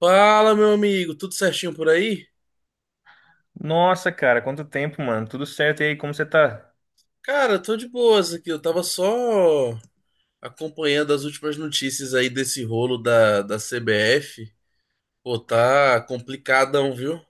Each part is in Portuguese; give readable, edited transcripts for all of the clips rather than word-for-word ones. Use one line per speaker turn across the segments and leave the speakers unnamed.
Fala, meu amigo, tudo certinho por aí?
Nossa, cara, quanto tempo, mano. Tudo certo e aí, como você tá?
Cara, tô de boas aqui. Eu tava só acompanhando as últimas notícias aí desse rolo da CBF. Pô, tá complicadão, viu?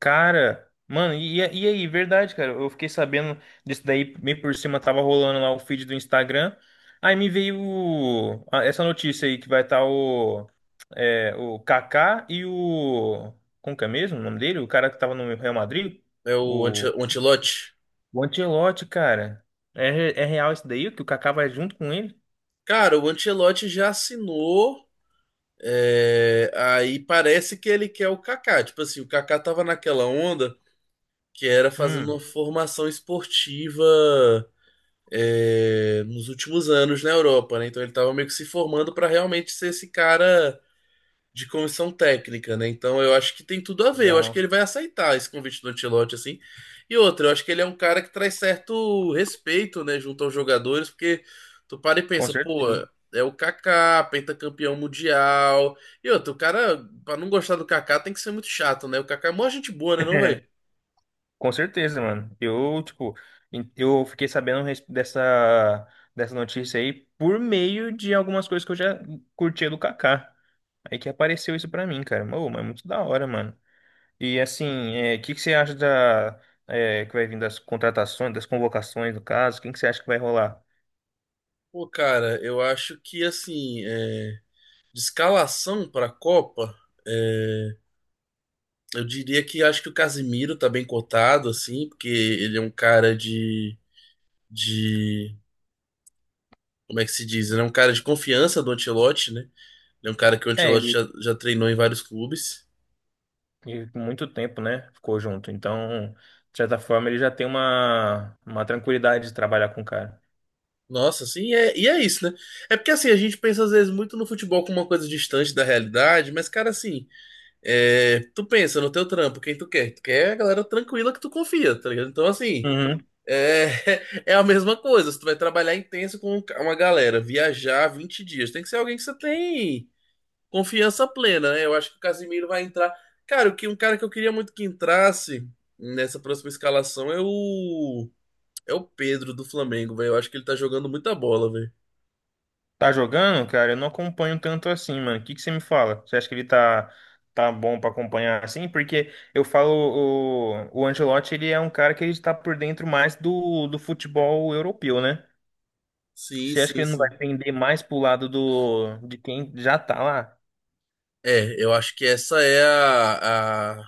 Cara, mano, e aí, verdade, cara. Eu fiquei sabendo disso daí, meio por cima, tava rolando lá o feed do Instagram. Aí me veio essa notícia aí que vai estar o Kaká e o. Como que é mesmo o nome dele? O cara que tava no Real Madrid?
É o,
O,
o Ancelotti.
o Ancelotti, cara. É, é real isso daí? Que o Kaká vai junto com ele?
Cara, o Ancelotti já assinou. Aí parece que ele quer o Kaká. Tipo assim, o Kaká tava naquela onda que era fazendo
Hum,
uma formação esportiva nos últimos anos na Europa, né? Então ele estava meio que se formando para realmente ser esse cara de comissão técnica, né? Então eu acho que tem tudo a ver. Eu acho que
Legal.
ele vai aceitar esse convite do Ancelotti assim. E outra, eu acho que ele é um cara que traz certo respeito, né, junto aos jogadores, porque tu para e
Com
pensa, pô,
certeza.
é o Kaká, pentacampeão mundial. E outro o cara, pra não gostar do Kaká, tem que ser muito chato, né? O Kaká é mó gente boa, né, não, velho?
Com certeza, mano. Eu, tipo, eu fiquei sabendo dessa notícia aí por meio de algumas coisas que eu já curtia do Kaká. Aí que apareceu isso pra mim, cara. Ô, mas é muito da hora, mano. E assim, é, o que que você acha que vai vir das contratações, das convocações, no caso? Quem que você acha que vai rolar?
Pô, cara, eu acho que assim, é, de escalação para a Copa, é, eu diria que acho que o Casimiro tá bem cotado, assim, porque ele é um cara de, de. Como é que se diz? Ele é um cara de confiança do Ancelotti, né? Ele é um cara que o
É,
Ancelotti já treinou em vários clubes.
ele por muito tempo, né, ficou junto. Então, de certa forma, ele já tem uma tranquilidade de trabalhar com o cara.
Nossa, assim, e é isso, né? É porque, assim, a gente pensa às vezes muito no futebol como uma coisa distante da realidade, mas, cara, assim, é, tu pensa no teu trampo, quem tu quer? Tu quer a galera tranquila que tu confia, tá ligado? Então, assim,
Uhum.
é, é a mesma coisa. Você vai trabalhar intenso com uma galera, viajar 20 dias. Tem que ser alguém que você tem confiança plena, né? Eu acho que o Casimiro vai entrar. Cara, o que um cara que eu queria muito que entrasse nessa próxima escalação é o Pedro do Flamengo, velho. Eu acho que ele tá jogando muita bola, velho.
Tá jogando, cara? Eu não acompanho tanto assim, mano. O que que você me fala? Você acha que ele tá bom pra acompanhar assim? Porque eu falo, o Ancelotti, ele é um cara que ele está por dentro mais do futebol europeu, né?
Sim,
Você acha que
sim,
ele não
sim.
vai pender mais pro lado de quem já tá lá?
É, eu acho que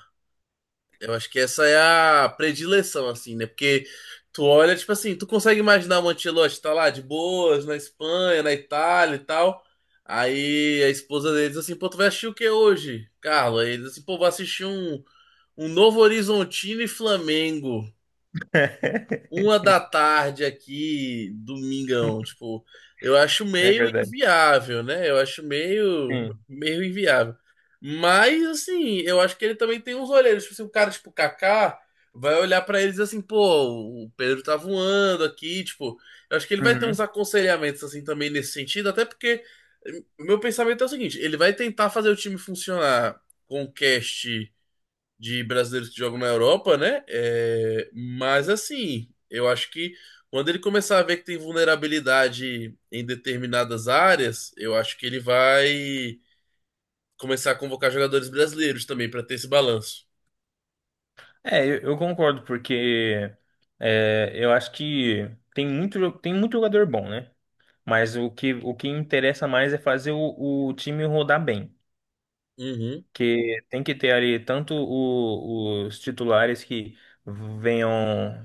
eu acho que essa é a predileção, assim, né? Porque tu olha, tipo assim, tu consegue imaginar o Mantelote tá lá de boas, na Espanha, na Itália e tal. Aí a esposa dele diz assim, pô, tu vai assistir o que hoje, Carlos? Aí ele diz assim, pô, vou assistir um Novo Horizontino e Flamengo uma da tarde aqui, domingão, tipo, eu acho
É
meio
verdade.
inviável, né? Eu acho
Sim.
meio inviável. Mas, assim, eu acho que ele também tem uns olheiros. Tipo, se o cara, tipo, Kaká, vai olhar pra eles assim, pô, o Pedro tá voando aqui, tipo, eu acho que ele vai ter uns
Uhum.
aconselhamentos, assim, também nesse sentido, até porque o meu pensamento é o seguinte, ele vai tentar fazer o time funcionar com o cast de brasileiros que jogam na Europa, né? É, mas assim, eu acho que quando ele começar a ver que tem vulnerabilidade em determinadas áreas, eu acho que ele vai começar a convocar jogadores brasileiros também para ter esse balanço.
É, eu concordo, porque é, eu acho que tem muito jogador bom, né? Mas o que interessa mais é fazer o time rodar bem.
Uhum.
Que tem que ter ali tanto os titulares que venham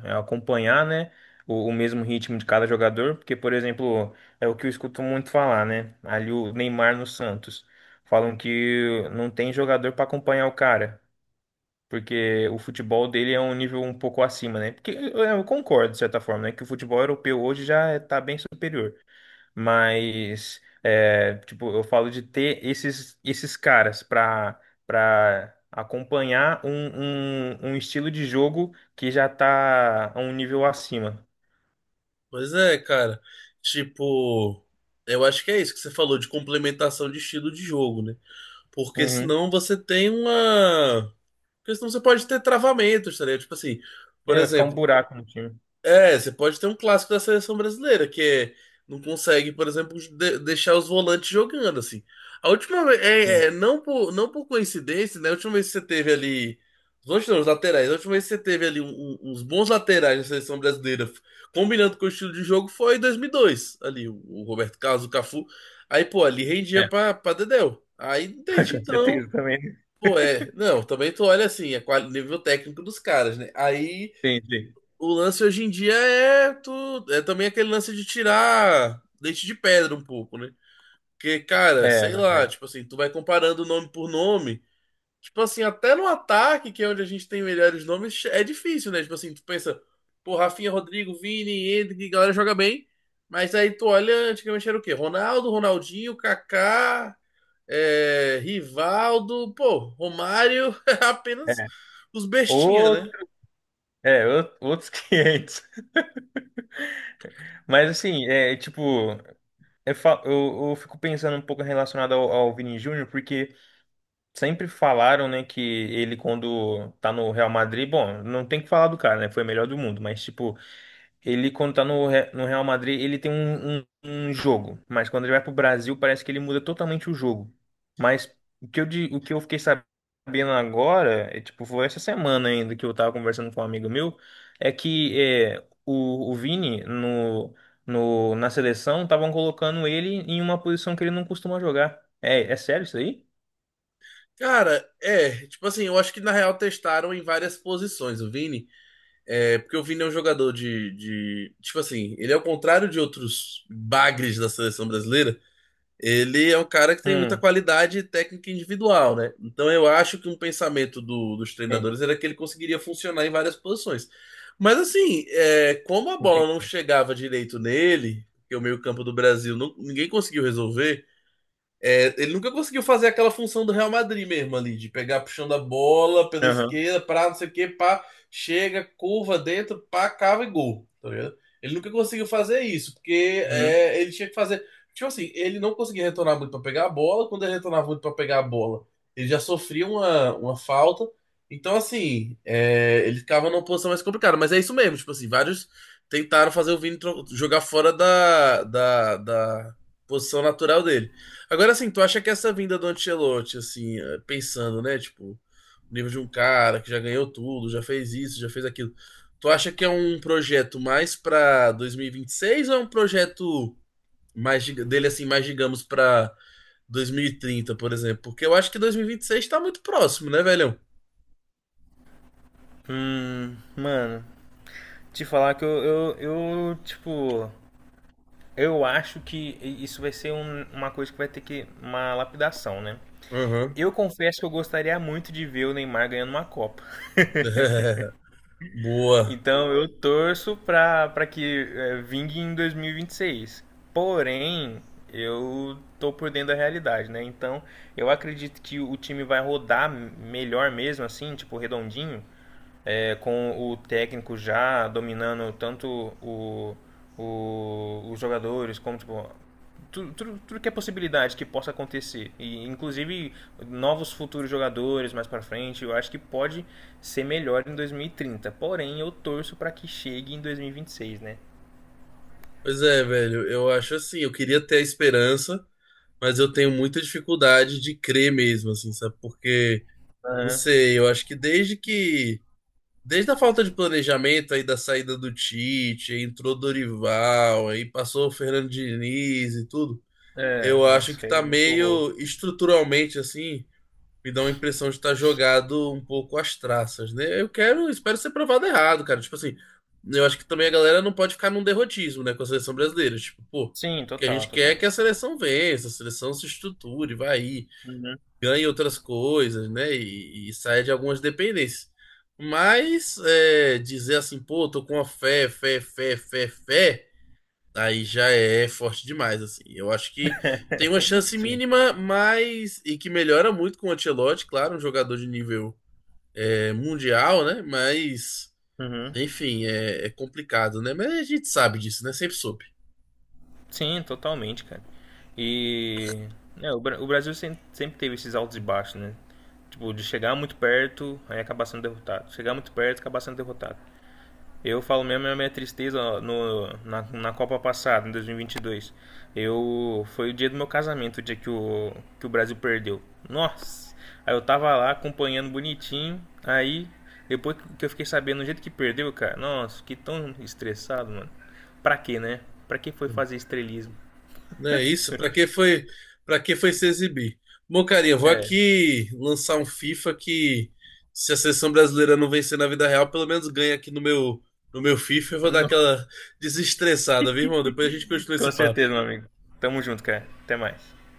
acompanhar, né? O mesmo ritmo de cada jogador. Porque, por exemplo, é o que eu escuto muito falar, né? Ali o Neymar no Santos. Falam que não tem jogador para acompanhar o cara. Porque o futebol dele é um nível um pouco acima, né? Porque eu concordo, de certa forma, né? Que o futebol europeu hoje já está bem superior. Mas, é, tipo, eu falo de ter esses caras para acompanhar um estilo de jogo que já tá a um nível acima.
Pois é, cara. Tipo, eu acho que é isso que você falou de complementação de estilo de jogo, né? Porque
Uhum.
senão você tem uma. Porque senão você pode ter travamentos, tá ligado? Tipo assim, por
É, vai ficar um
exemplo,
buraco no time.
é, você pode ter um clássico da seleção brasileira, que é, não consegue, por exemplo, deixar os volantes jogando, assim. A última vez,
Sim.
não por, não por coincidência, né? A última vez que você teve ali. Os outros não, os laterais. A última vez que você teve ali uns bons laterais na seleção brasileira, combinando com o estilo de jogo, foi em 2002, ali, o Roberto Carlos, o Cafu. Aí, pô, ali rendia
É,
pra Dedéu. Aí, desde
com
então,
certeza também.
pô, é. Não, também tu olha assim, é qual, nível técnico dos caras, né? Aí.
Entendi.
O lance hoje em dia é, tu, é também aquele lance de tirar leite de pedra um pouco, né? Porque, cara,
É,
sei lá,
verdade.
tipo assim, tu vai comparando nome por nome. Tipo assim, até no ataque, que é onde a gente tem melhores nomes, é difícil, né? Tipo assim, tu pensa, pô, Rafinha, Rodrigo, Vini, Endrick, a galera joga bem. Mas aí tu olha, antigamente era o quê? Ronaldo, Ronaldinho, Kaká, Rivaldo, pô, Romário, apenas
É.
os bestinha, né?
Outro, outros 500. Mas assim, é tipo, eu fico pensando um pouco relacionado ao Vini Júnior, porque sempre falaram, né, que ele quando tá no Real Madrid, bom, não tem que falar do cara, né? Foi o melhor do mundo, mas tipo, ele quando tá no Real Madrid, ele tem um jogo, mas quando ele vai pro Brasil, parece que ele muda totalmente o jogo. Mas o que eu fiquei sabendo agora, é, tipo, foi essa semana ainda que eu tava conversando com um amigo meu, é que é, o Vini no, no, na seleção estavam colocando ele em uma posição que ele não costuma jogar. É sério isso aí?
Cara, é, tipo assim, eu acho que na real testaram em várias posições o Vini, é, porque o Vini é um jogador de, tipo assim, ele é ao contrário de outros bagres da seleção brasileira, ele é um cara que tem muita
Hum.
qualidade técnica individual, né? Então eu acho que um pensamento dos
Sim.
treinadores era que ele conseguiria funcionar em várias posições. Mas assim, é, como a bola não
Entendi.
chegava direito nele, porque o meio-campo do Brasil ninguém conseguiu resolver, é, ele nunca conseguiu fazer aquela função do Real Madrid mesmo ali, de pegar puxando a bola pela
Aham.
esquerda, pra não sei o que, pá, chega, curva dentro, pá, cava e gol, tá ligado? Ele nunca conseguiu fazer isso, porque
Uhum.
é, ele tinha que fazer. Tipo assim, ele não conseguia retornar muito pra pegar a bola, quando ele retornava muito pra pegar a bola, ele já sofria uma falta. Então, assim, é, ele ficava numa posição mais complicada, mas é isso mesmo, tipo assim, vários tentaram fazer o Vini jogar fora da posição natural dele. Agora, assim, tu acha que essa vinda do Ancelotti, assim, eh, pensando, né, tipo, o nível de um cara que já ganhou tudo, já fez isso, já fez aquilo, tu acha que é um projeto mais pra 2026 ou é um projeto mais dele, assim, mais, digamos, pra 2030, por exemplo? Porque eu acho que 2026 tá muito próximo, né, velhão?
Mano, te falar que eu, tipo, eu acho que isso vai ser uma coisa que vai ter que, uma lapidação, né?
Aham.
Eu confesso que eu gostaria muito de ver o Neymar ganhando uma Copa.
Boa.
Então eu torço pra que vingue em dois mil e vinte e seis. Porém, eu tô por dentro da realidade, né? Então eu acredito que o time vai rodar melhor mesmo, assim, tipo, redondinho. Com o técnico já dominando tanto o, os jogadores, como tipo, tudo, tudo, tudo que é possibilidade que possa acontecer, e inclusive novos futuros jogadores mais para frente, eu acho que pode ser melhor em 2030, porém eu torço para que chegue em 2026, né?
Pois é, velho, eu acho assim, eu queria ter a esperança, mas eu tenho muita dificuldade de crer mesmo, assim, sabe? Porque. Não
Aham.
sei, eu acho que. Desde a falta de planejamento aí da saída do Tite, aí entrou Dorival, aí passou o Fernando Diniz e tudo,
É,
eu acho
nossa,
que
foi
tá
muito horror.
meio estruturalmente assim, me dá uma impressão de estar jogado um pouco às traças, né? Eu quero, espero ser provado errado, cara. Tipo assim, eu acho que também a galera não pode ficar num derrotismo, né, com a seleção brasileira. Tipo, pô, o
Sim,
que a
total,
gente quer é
total.
que a seleção vença, a seleção se estruture, vai aí
Uhum.
ganha outras coisas, né? E sai de algumas dependências. Mas é, dizer assim, pô, tô com uma fé, aí já é forte demais, assim. Eu acho que tem uma chance
Sim.
mínima, mas e que melhora muito com o Ancelotti, claro, um jogador de nível é, mundial, né? Mas
Uhum.
enfim, é, é complicado, né? Mas a gente sabe disso, né? Sempre soube.
Sim, totalmente, cara. E o Brasil sempre teve esses altos e baixos, né? Tipo, de chegar muito perto, aí acabar sendo derrotado. Chegar muito perto, acabar sendo derrotado. Eu falo mesmo é a minha tristeza ó, no, na, na Copa passada, em 2022. Foi o dia do meu casamento, o dia que o Brasil perdeu. Nossa! Aí eu tava lá acompanhando bonitinho, aí depois que eu fiquei sabendo do jeito que perdeu, cara, nossa, fiquei tão estressado, mano. Pra quê, né? Pra que foi fazer estrelismo?
Não é isso? Pra que foi, para que foi se exibir? Bom, cara, eu vou
É,
aqui lançar um FIFA que se a seleção brasileira não vencer na vida real, pelo menos ganha aqui no meu FIFA, eu vou dar
não-
aquela desestressada, viu, irmão? Depois a gente continua
com
esse
certeza,
papo.
meu amigo. Tamo junto, cara. Até mais.